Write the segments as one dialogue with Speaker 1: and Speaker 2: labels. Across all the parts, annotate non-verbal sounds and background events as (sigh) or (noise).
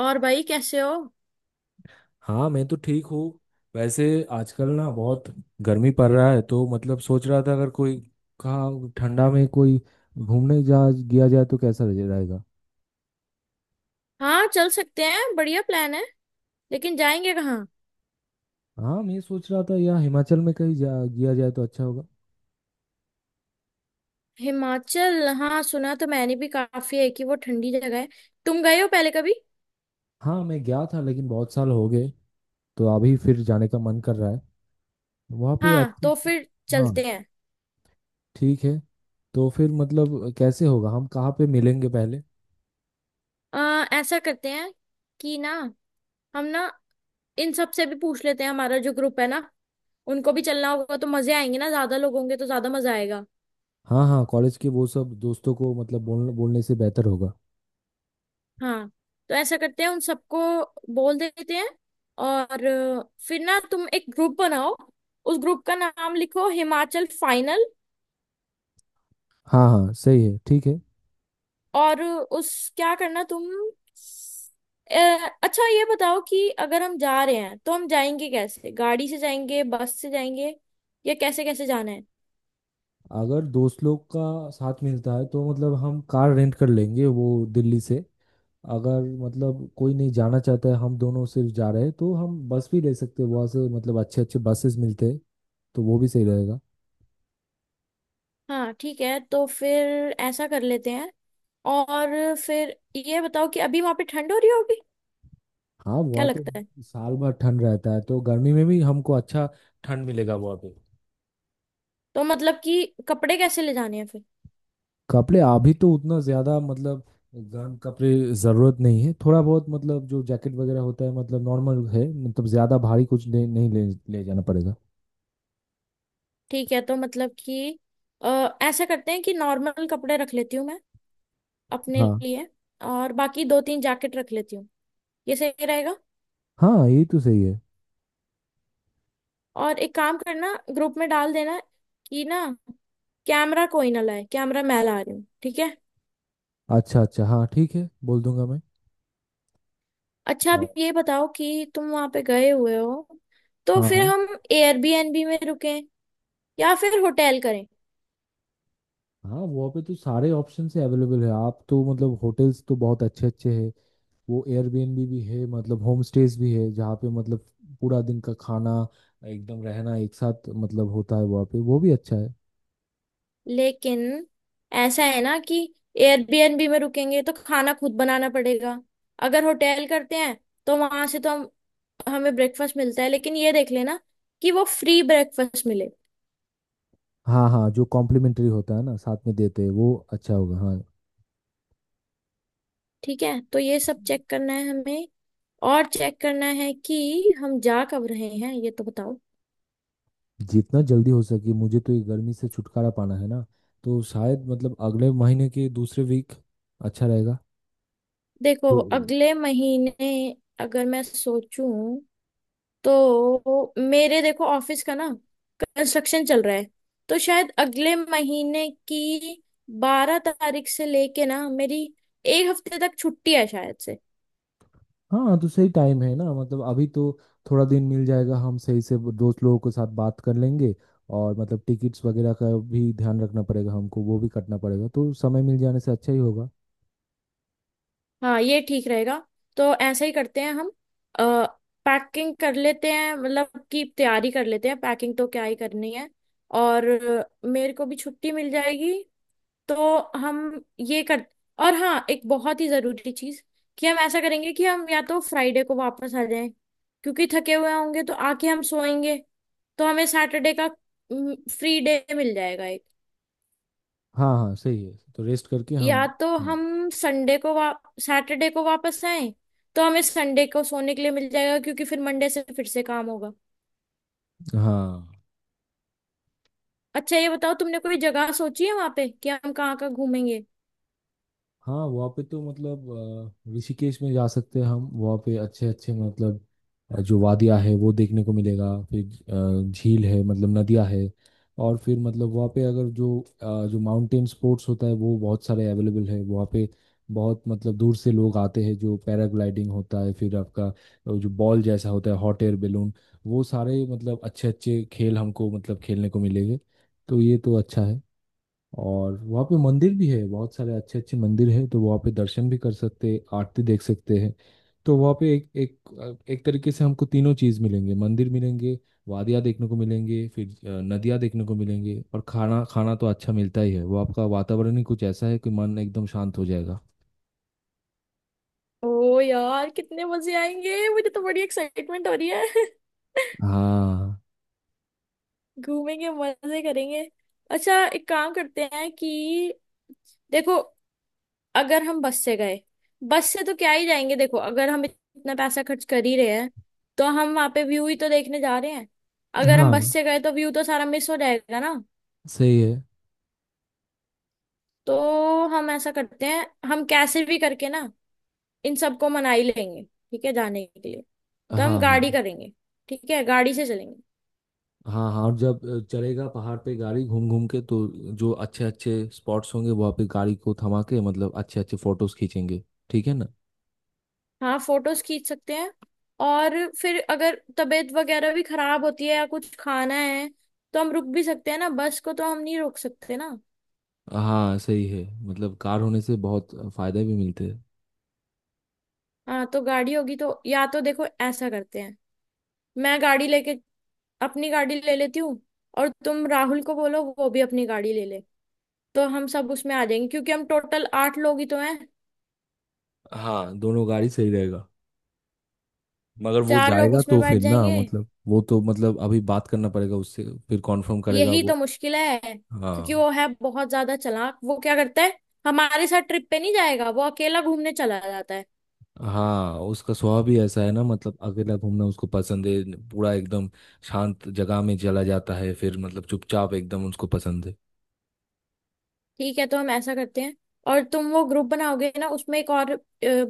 Speaker 1: और भाई कैसे हो?
Speaker 2: हाँ मैं तो ठीक हूँ। वैसे आजकल ना बहुत गर्मी पड़ रहा है, तो मतलब सोच रहा था अगर कोई कहाँ ठंडा में कोई घूमने जा गया जाए तो कैसा रहेगा।
Speaker 1: हाँ चल सकते हैं, बढ़िया प्लान है। लेकिन जाएंगे कहाँ?
Speaker 2: हाँ, मैं सोच रहा था या हिमाचल में कहीं जा गया जाए तो अच्छा होगा।
Speaker 1: हिमाचल, हाँ सुना तो मैंने भी काफी है कि वो ठंडी जगह है। तुम गए हो पहले कभी?
Speaker 2: हाँ, मैं गया था लेकिन बहुत साल हो गए, तो अभी फिर जाने का मन कर रहा है। वहाँ पे
Speaker 1: हाँ
Speaker 2: अच्छे
Speaker 1: तो
Speaker 2: अच्छे।
Speaker 1: फिर
Speaker 2: हाँ
Speaker 1: चलते हैं।
Speaker 2: ठीक है, तो फिर मतलब कैसे होगा, हम कहाँ पे मिलेंगे पहले।
Speaker 1: ऐसा करते हैं कि ना हम ना इन सब से भी पूछ लेते हैं, हमारा जो ग्रुप है ना। उनको भी चलना होगा तो मजे आएंगे ना, ज्यादा लोग होंगे तो ज्यादा मजा आएगा।
Speaker 2: हाँ हाँ, कॉलेज के वो सब दोस्तों को मतलब बोल बोलने से बेहतर होगा।
Speaker 1: हाँ तो ऐसा करते हैं, उन सबको बोल देते हैं। और फिर ना तुम एक ग्रुप बनाओ, उस ग्रुप का नाम लिखो हिमाचल फाइनल।
Speaker 2: हाँ हाँ सही है, ठीक है।
Speaker 1: और उस क्या करना तुम, अच्छा ये बताओ कि अगर हम जा रहे हैं तो हम जाएंगे कैसे, गाड़ी से जाएंगे बस से जाएंगे या कैसे कैसे जाना है?
Speaker 2: अगर दोस्त लोग का साथ मिलता है तो मतलब हम कार रेंट कर लेंगे वो दिल्ली से। अगर मतलब कोई नहीं जाना चाहता है, हम दोनों सिर्फ जा रहे हैं तो हम बस भी ले सकते हैं वहाँ से, मतलब अच्छे अच्छे बसेस मिलते हैं। तो वो भी सही रहेगा।
Speaker 1: हाँ ठीक है, तो फिर ऐसा कर लेते हैं। और फिर ये बताओ कि अभी वहां पे ठंड हो रही होगी,
Speaker 2: हाँ,
Speaker 1: क्या
Speaker 2: वहाँ तो
Speaker 1: लगता है?
Speaker 2: साल भर ठंड रहता है, तो गर्मी में भी हमको अच्छा ठंड मिलेगा वहाँ पे।
Speaker 1: तो मतलब कि कपड़े कैसे ले जाने हैं फिर?
Speaker 2: कपड़े अभी तो उतना ज़्यादा मतलब गर्म कपड़े ज़रूरत नहीं है। थोड़ा बहुत मतलब जो जैकेट वगैरह होता है मतलब नॉर्मल है, मतलब ज़्यादा भारी कुछ नहीं ले जाना पड़ेगा।
Speaker 1: ठीक है, तो मतलब कि अ, ऐसा करते हैं कि नॉर्मल कपड़े रख लेती हूँ मैं अपने
Speaker 2: हाँ
Speaker 1: लिए। और बाकी दो तीन जैकेट रख लेती हूँ, ये सही रहेगा।
Speaker 2: हाँ ये तो सही है।
Speaker 1: और एक काम करना, ग्रुप में डाल देना कि ना कैमरा कोई ना लाए, कैमरा मैं ला रही हूँ, ठीक है।
Speaker 2: अच्छा अच्छा हाँ ठीक है, बोल दूंगा मैं।
Speaker 1: अच्छा
Speaker 2: हाँ
Speaker 1: अब ये बताओ कि तुम वहां पे गए हुए हो, तो
Speaker 2: हाँ।
Speaker 1: फिर
Speaker 2: हाँ
Speaker 1: हम एयरबीएनबी में रुकें या फिर होटल करें?
Speaker 2: हाँ वहाँ पे तो सारे ऑप्शन से अवेलेबल है आप, तो मतलब होटल्स तो बहुत अच्छे अच्छे हैं। वो एयरबीएनबी भी है, मतलब होम स्टेज भी है जहाँ पे मतलब पूरा दिन का खाना, एकदम रहना एक साथ मतलब होता है वहाँ पे, वो भी अच्छा है।
Speaker 1: लेकिन ऐसा है ना कि एयरबीएनबी में रुकेंगे तो खाना खुद बनाना पड़ेगा। अगर होटल करते हैं तो वहां से तो हम हमें ब्रेकफास्ट मिलता है, लेकिन ये देख लेना कि वो फ्री ब्रेकफास्ट मिले।
Speaker 2: हाँ हाँ, जो कॉम्प्लीमेंट्री होता है ना साथ में देते हैं वो अच्छा होगा, हाँ।
Speaker 1: ठीक है, तो ये सब चेक करना है हमें। और चेक करना है कि हम जा कब रहे हैं, ये तो बताओ।
Speaker 2: जितना जल्दी हो सके, मुझे तो ये गर्मी से छुटकारा पाना है ना। तो शायद मतलब अगले महीने के दूसरे वीक अच्छा रहेगा। तो
Speaker 1: देखो अगले महीने, अगर मैं सोचूं तो मेरे, देखो ऑफिस का ना कंस्ट्रक्शन चल रहा है, तो शायद अगले महीने की 12 तारीख से लेके ना मेरी एक हफ्ते तक छुट्टी है शायद से।
Speaker 2: हाँ, तो सही टाइम है ना, मतलब अभी तो थोड़ा दिन मिल जाएगा, हम सही से वो दोस्त लोगों के साथ बात कर लेंगे। और मतलब टिकट्स वगैरह का भी ध्यान रखना पड़ेगा हमको, वो भी कटना पड़ेगा, तो समय मिल जाने से अच्छा ही होगा।
Speaker 1: हाँ ये ठीक रहेगा, तो ऐसा ही करते हैं हम। आ, पैकिंग कर लेते हैं, मतलब की तैयारी कर लेते हैं, पैकिंग तो क्या ही करनी है। और मेरे को भी छुट्टी मिल जाएगी तो हम ये कर। और हाँ एक बहुत ही जरूरी चीज कि हम ऐसा करेंगे कि हम या तो फ्राइडे को वापस आ जाएं, क्योंकि थके हुए होंगे तो आके हम सोएंगे, तो हमें सैटरडे का फ्री डे मिल जाएगा एक।
Speaker 2: हाँ हाँ सही है, तो रेस्ट करके
Speaker 1: या
Speaker 2: हम।
Speaker 1: तो
Speaker 2: हाँ।
Speaker 1: हम संडे को वा सैटरडे को वापस आए, तो हमें संडे को सोने के लिए मिल जाएगा क्योंकि फिर मंडे से फिर से काम होगा।
Speaker 2: हाँ
Speaker 1: अच्छा ये बताओ तुमने कोई जगह सोची है वहां पे कि हम कहाँ कहाँ घूमेंगे?
Speaker 2: हाँ वहाँ पे तो मतलब ऋषिकेश में जा सकते हैं हम। वहाँ पे अच्छे अच्छे मतलब जो वादियाँ है वो देखने को मिलेगा। फिर झील है, मतलब नदियाँ है। और फिर मतलब वहाँ पे अगर जो जो माउंटेन स्पोर्ट्स होता है वो बहुत सारे अवेलेबल है वहाँ पे। बहुत मतलब दूर से लोग आते हैं। जो पैराग्लाइडिंग होता है, फिर आपका जो बॉल जैसा होता है हॉट एयर बैलून, वो सारे मतलब अच्छे अच्छे खेल हमको मतलब खेलने को मिलेंगे। तो ये तो अच्छा है। और वहाँ पे मंदिर भी है, बहुत सारे अच्छे अच्छे मंदिर है, तो वहाँ पे दर्शन भी कर सकते हैं, आरती देख सकते हैं। तो वहाँ पे एक एक एक तरीके से हमको तीनों चीज़ मिलेंगे, मंदिर मिलेंगे, वादियाँ देखने को मिलेंगे, फिर नदियाँ देखने को मिलेंगे। और खाना खाना तो अच्छा मिलता ही है, वो आपका वातावरण ही कुछ ऐसा है कि मन एकदम शांत हो जाएगा।
Speaker 1: ओ यार, कितने मजे आएंगे, मुझे तो बड़ी एक्साइटमेंट हो रही है। (laughs)
Speaker 2: हाँ
Speaker 1: घूमेंगे मजे करेंगे। अच्छा एक काम करते हैं कि देखो अगर हम बस से गए, बस से तो क्या ही जाएंगे, देखो अगर हम इतना पैसा खर्च कर ही रहे हैं तो हम वहां पे व्यू ही तो देखने जा रहे हैं। अगर हम बस
Speaker 2: हाँ
Speaker 1: से गए तो व्यू तो सारा मिस हो जाएगा ना।
Speaker 2: सही है।
Speaker 1: तो हम ऐसा करते हैं, हम कैसे भी करके ना इन सबको मना ही लेंगे ठीक है जाने के लिए, तो हम गाड़ी
Speaker 2: हाँ
Speaker 1: करेंगे, ठीक है गाड़ी से चलेंगे।
Speaker 2: हाँ। हाँ और जब चलेगा पहाड़ पे गाड़ी घूम घूम के, तो जो अच्छे अच्छे स्पॉट्स होंगे वहाँ पे गाड़ी को थमा के मतलब अच्छे अच्छे फोटोज खींचेंगे, ठीक है ना।
Speaker 1: हाँ फोटोज खींच सकते हैं। और फिर अगर तबीयत वगैरह भी खराब होती है या कुछ खाना है, तो हम रुक भी सकते हैं ना, बस को तो हम नहीं रोक सकते ना।
Speaker 2: हाँ सही है, मतलब कार होने से बहुत फायदे भी मिलते हैं।
Speaker 1: हाँ तो गाड़ी होगी तो या तो देखो ऐसा करते हैं, मैं गाड़ी लेके अपनी गाड़ी ले लेती हूँ, और तुम राहुल को बोलो वो भी अपनी गाड़ी ले ले, तो हम सब उसमें आ जाएंगे क्योंकि हम टोटल आठ लोग ही तो हैं।
Speaker 2: हाँ दोनों गाड़ी सही रहेगा, मगर वो
Speaker 1: चार लोग
Speaker 2: जाएगा
Speaker 1: उसमें
Speaker 2: तो
Speaker 1: बैठ
Speaker 2: फिर ना
Speaker 1: जाएंगे,
Speaker 2: मतलब, वो तो मतलब अभी बात करना पड़ेगा उससे, फिर कॉन्फर्म करेगा
Speaker 1: यही तो
Speaker 2: वो।
Speaker 1: मुश्किल है, क्योंकि
Speaker 2: हाँ
Speaker 1: वो है बहुत ज्यादा चालाक। वो क्या करता है, हमारे साथ ट्रिप पे नहीं जाएगा, वो अकेला घूमने चला जाता है।
Speaker 2: हाँ, उसका स्वभाव भी ऐसा है ना, मतलब अकेला घूमना उसको पसंद है। पूरा एकदम शांत जगह में चला जाता है, फिर मतलब चुपचाप एकदम उसको पसंद है।
Speaker 1: ठीक है तो हम ऐसा करते हैं। और तुम वो ग्रुप बनाओगे ना, उसमें एक और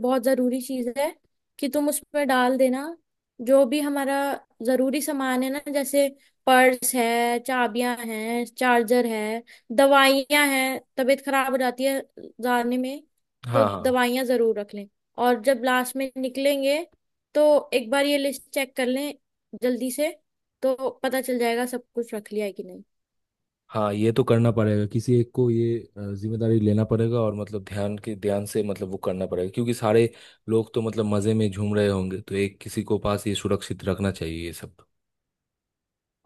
Speaker 1: बहुत ज़रूरी चीज़ है कि तुम उसमें डाल देना जो भी हमारा ज़रूरी सामान है ना, जैसे पर्स है, चाबियां हैं, चार्जर है, दवाइयां हैं, तबीयत खराब हो जाती है जाने में, तो
Speaker 2: हाँ हाँ।
Speaker 1: दवाइयां ज़रूर रख लें। और जब लास्ट में निकलेंगे तो एक बार ये लिस्ट चेक कर लें जल्दी से, तो पता चल जाएगा सब कुछ रख लिया है कि नहीं।
Speaker 2: हाँ ये तो करना पड़ेगा, किसी एक को ये जिम्मेदारी लेना पड़ेगा और मतलब ध्यान के ध्यान से मतलब वो करना पड़ेगा, क्योंकि सारे लोग तो मतलब मजे में झूम रहे होंगे, तो एक किसी को पास ये सुरक्षित रखना चाहिए ये सब।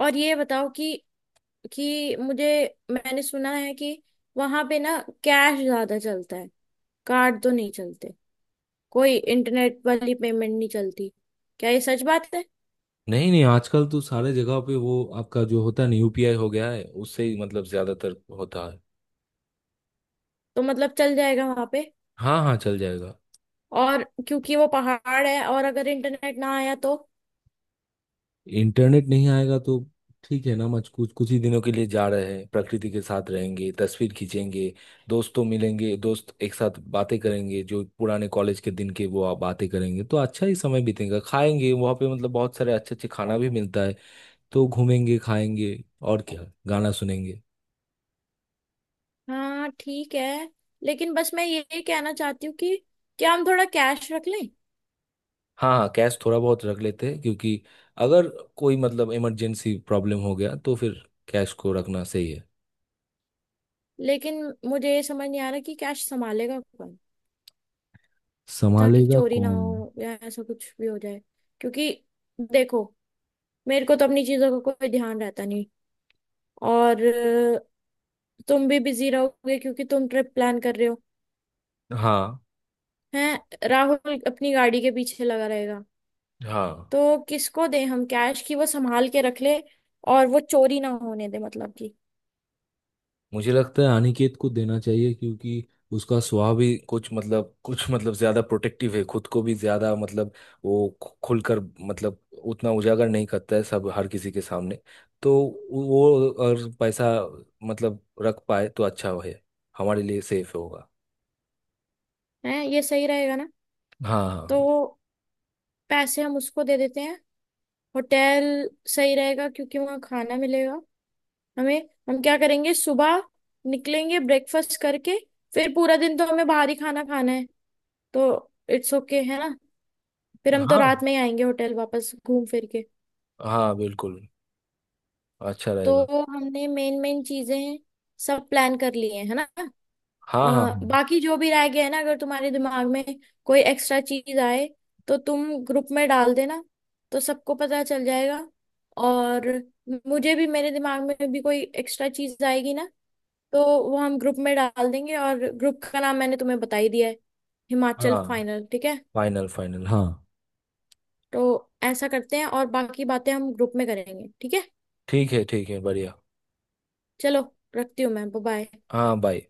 Speaker 1: और ये बताओ कि मुझे, मैंने सुना है कि वहां पे ना कैश ज्यादा चलता है, कार्ड तो नहीं चलते, कोई इंटरनेट वाली पेमेंट नहीं चलती, क्या ये सच बात है?
Speaker 2: नहीं नहीं, आजकल तो सारे जगह पे वो आपका जो होता है ना यूपीआई हो गया है, उससे ही मतलब ज्यादातर होता है।
Speaker 1: तो मतलब चल जाएगा वहां पे?
Speaker 2: हाँ हाँ चल जाएगा।
Speaker 1: और क्योंकि वो पहाड़ है, और अगर इंटरनेट ना आया तो?
Speaker 2: इंटरनेट नहीं आएगा तो ठीक है ना। मच कुछ कुछ ही दिनों के लिए जा रहे हैं, प्रकृति के साथ रहेंगे, तस्वीर खींचेंगे, दोस्तों मिलेंगे, दोस्त एक साथ बातें करेंगे, जो पुराने कॉलेज के दिन के वो आप बातें करेंगे तो अच्छा ही समय बीतेगा, खाएंगे वहाँ पे मतलब बहुत सारे अच्छे अच्छे खाना भी मिलता है। तो घूमेंगे, खाएंगे, और क्या गाना सुनेंगे।
Speaker 1: हाँ ठीक है, लेकिन बस मैं ये कहना चाहती हूँ कि क्या हम थोड़ा कैश रख लें?
Speaker 2: हाँ हाँ, कैश थोड़ा बहुत रख लेते हैं, क्योंकि अगर कोई मतलब इमरजेंसी प्रॉब्लम हो गया तो फिर कैश को रखना सही है।
Speaker 1: लेकिन मुझे ये समझ नहीं आ रहा कि कैश संभालेगा कौन, ताकि
Speaker 2: संभालेगा
Speaker 1: चोरी ना
Speaker 2: कौन।
Speaker 1: हो या ऐसा कुछ भी हो जाए, क्योंकि देखो मेरे को तो अपनी चीजों का कोई ध्यान रहता नहीं। और तुम भी बिजी रहोगे क्योंकि तुम ट्रिप प्लान कर रहे हो,
Speaker 2: हाँ
Speaker 1: हैं, राहुल अपनी गाड़ी के पीछे लगा रहेगा,
Speaker 2: हाँ,
Speaker 1: तो किसको दें हम कैश की वो संभाल के रख ले और वो चोरी ना होने दे, मतलब कि
Speaker 2: मुझे लगता है अनिकेत को देना चाहिए, क्योंकि उसका स्वभाव भी कुछ मतलब ज्यादा प्रोटेक्टिव है, खुद को भी ज्यादा मतलब वो खुलकर मतलब उतना उजागर नहीं करता है सब हर किसी के सामने। तो वो और पैसा मतलब रख पाए तो अच्छा है, हमारे लिए सेफ होगा।
Speaker 1: है, ये सही रहेगा ना? तो
Speaker 2: हाँ
Speaker 1: पैसे हम उसको दे देते हैं। होटल सही रहेगा क्योंकि वहाँ खाना मिलेगा हमें, हम क्या करेंगे, सुबह निकलेंगे ब्रेकफास्ट करके, फिर पूरा दिन तो हमें बाहर ही खाना खाना है, तो इट्स ओके, है ना? फिर
Speaker 2: हाँ।
Speaker 1: हम तो
Speaker 2: हाँ
Speaker 1: रात में ही आएंगे होटल वापस घूम फिर के।
Speaker 2: हाँ बिल्कुल, अच्छा रहेगा।
Speaker 1: तो हमने मेन मेन चीजें सब प्लान कर लिए हैं, है ना?
Speaker 2: हाँ हाँ।
Speaker 1: बाकी जो भी रह गया है ना, अगर तुम्हारे दिमाग में कोई एक्स्ट्रा चीज आए तो तुम ग्रुप में डाल देना, तो सबको पता चल जाएगा। और मुझे भी, मेरे दिमाग में भी कोई एक्स्ट्रा चीज आएगी ना, तो वो हम ग्रुप में डाल देंगे। और ग्रुप का नाम मैंने तुम्हें बता ही दिया है, हिमाचल
Speaker 2: हाँ
Speaker 1: फाइनल, ठीक है।
Speaker 2: फाइनल फाइनल हाँ।
Speaker 1: तो ऐसा करते हैं और बाकी बातें हम ग्रुप में करेंगे, ठीक है।
Speaker 2: ठीक है बढ़िया।
Speaker 1: चलो रखती हूँ मैं, बाय।
Speaker 2: हाँ बाय।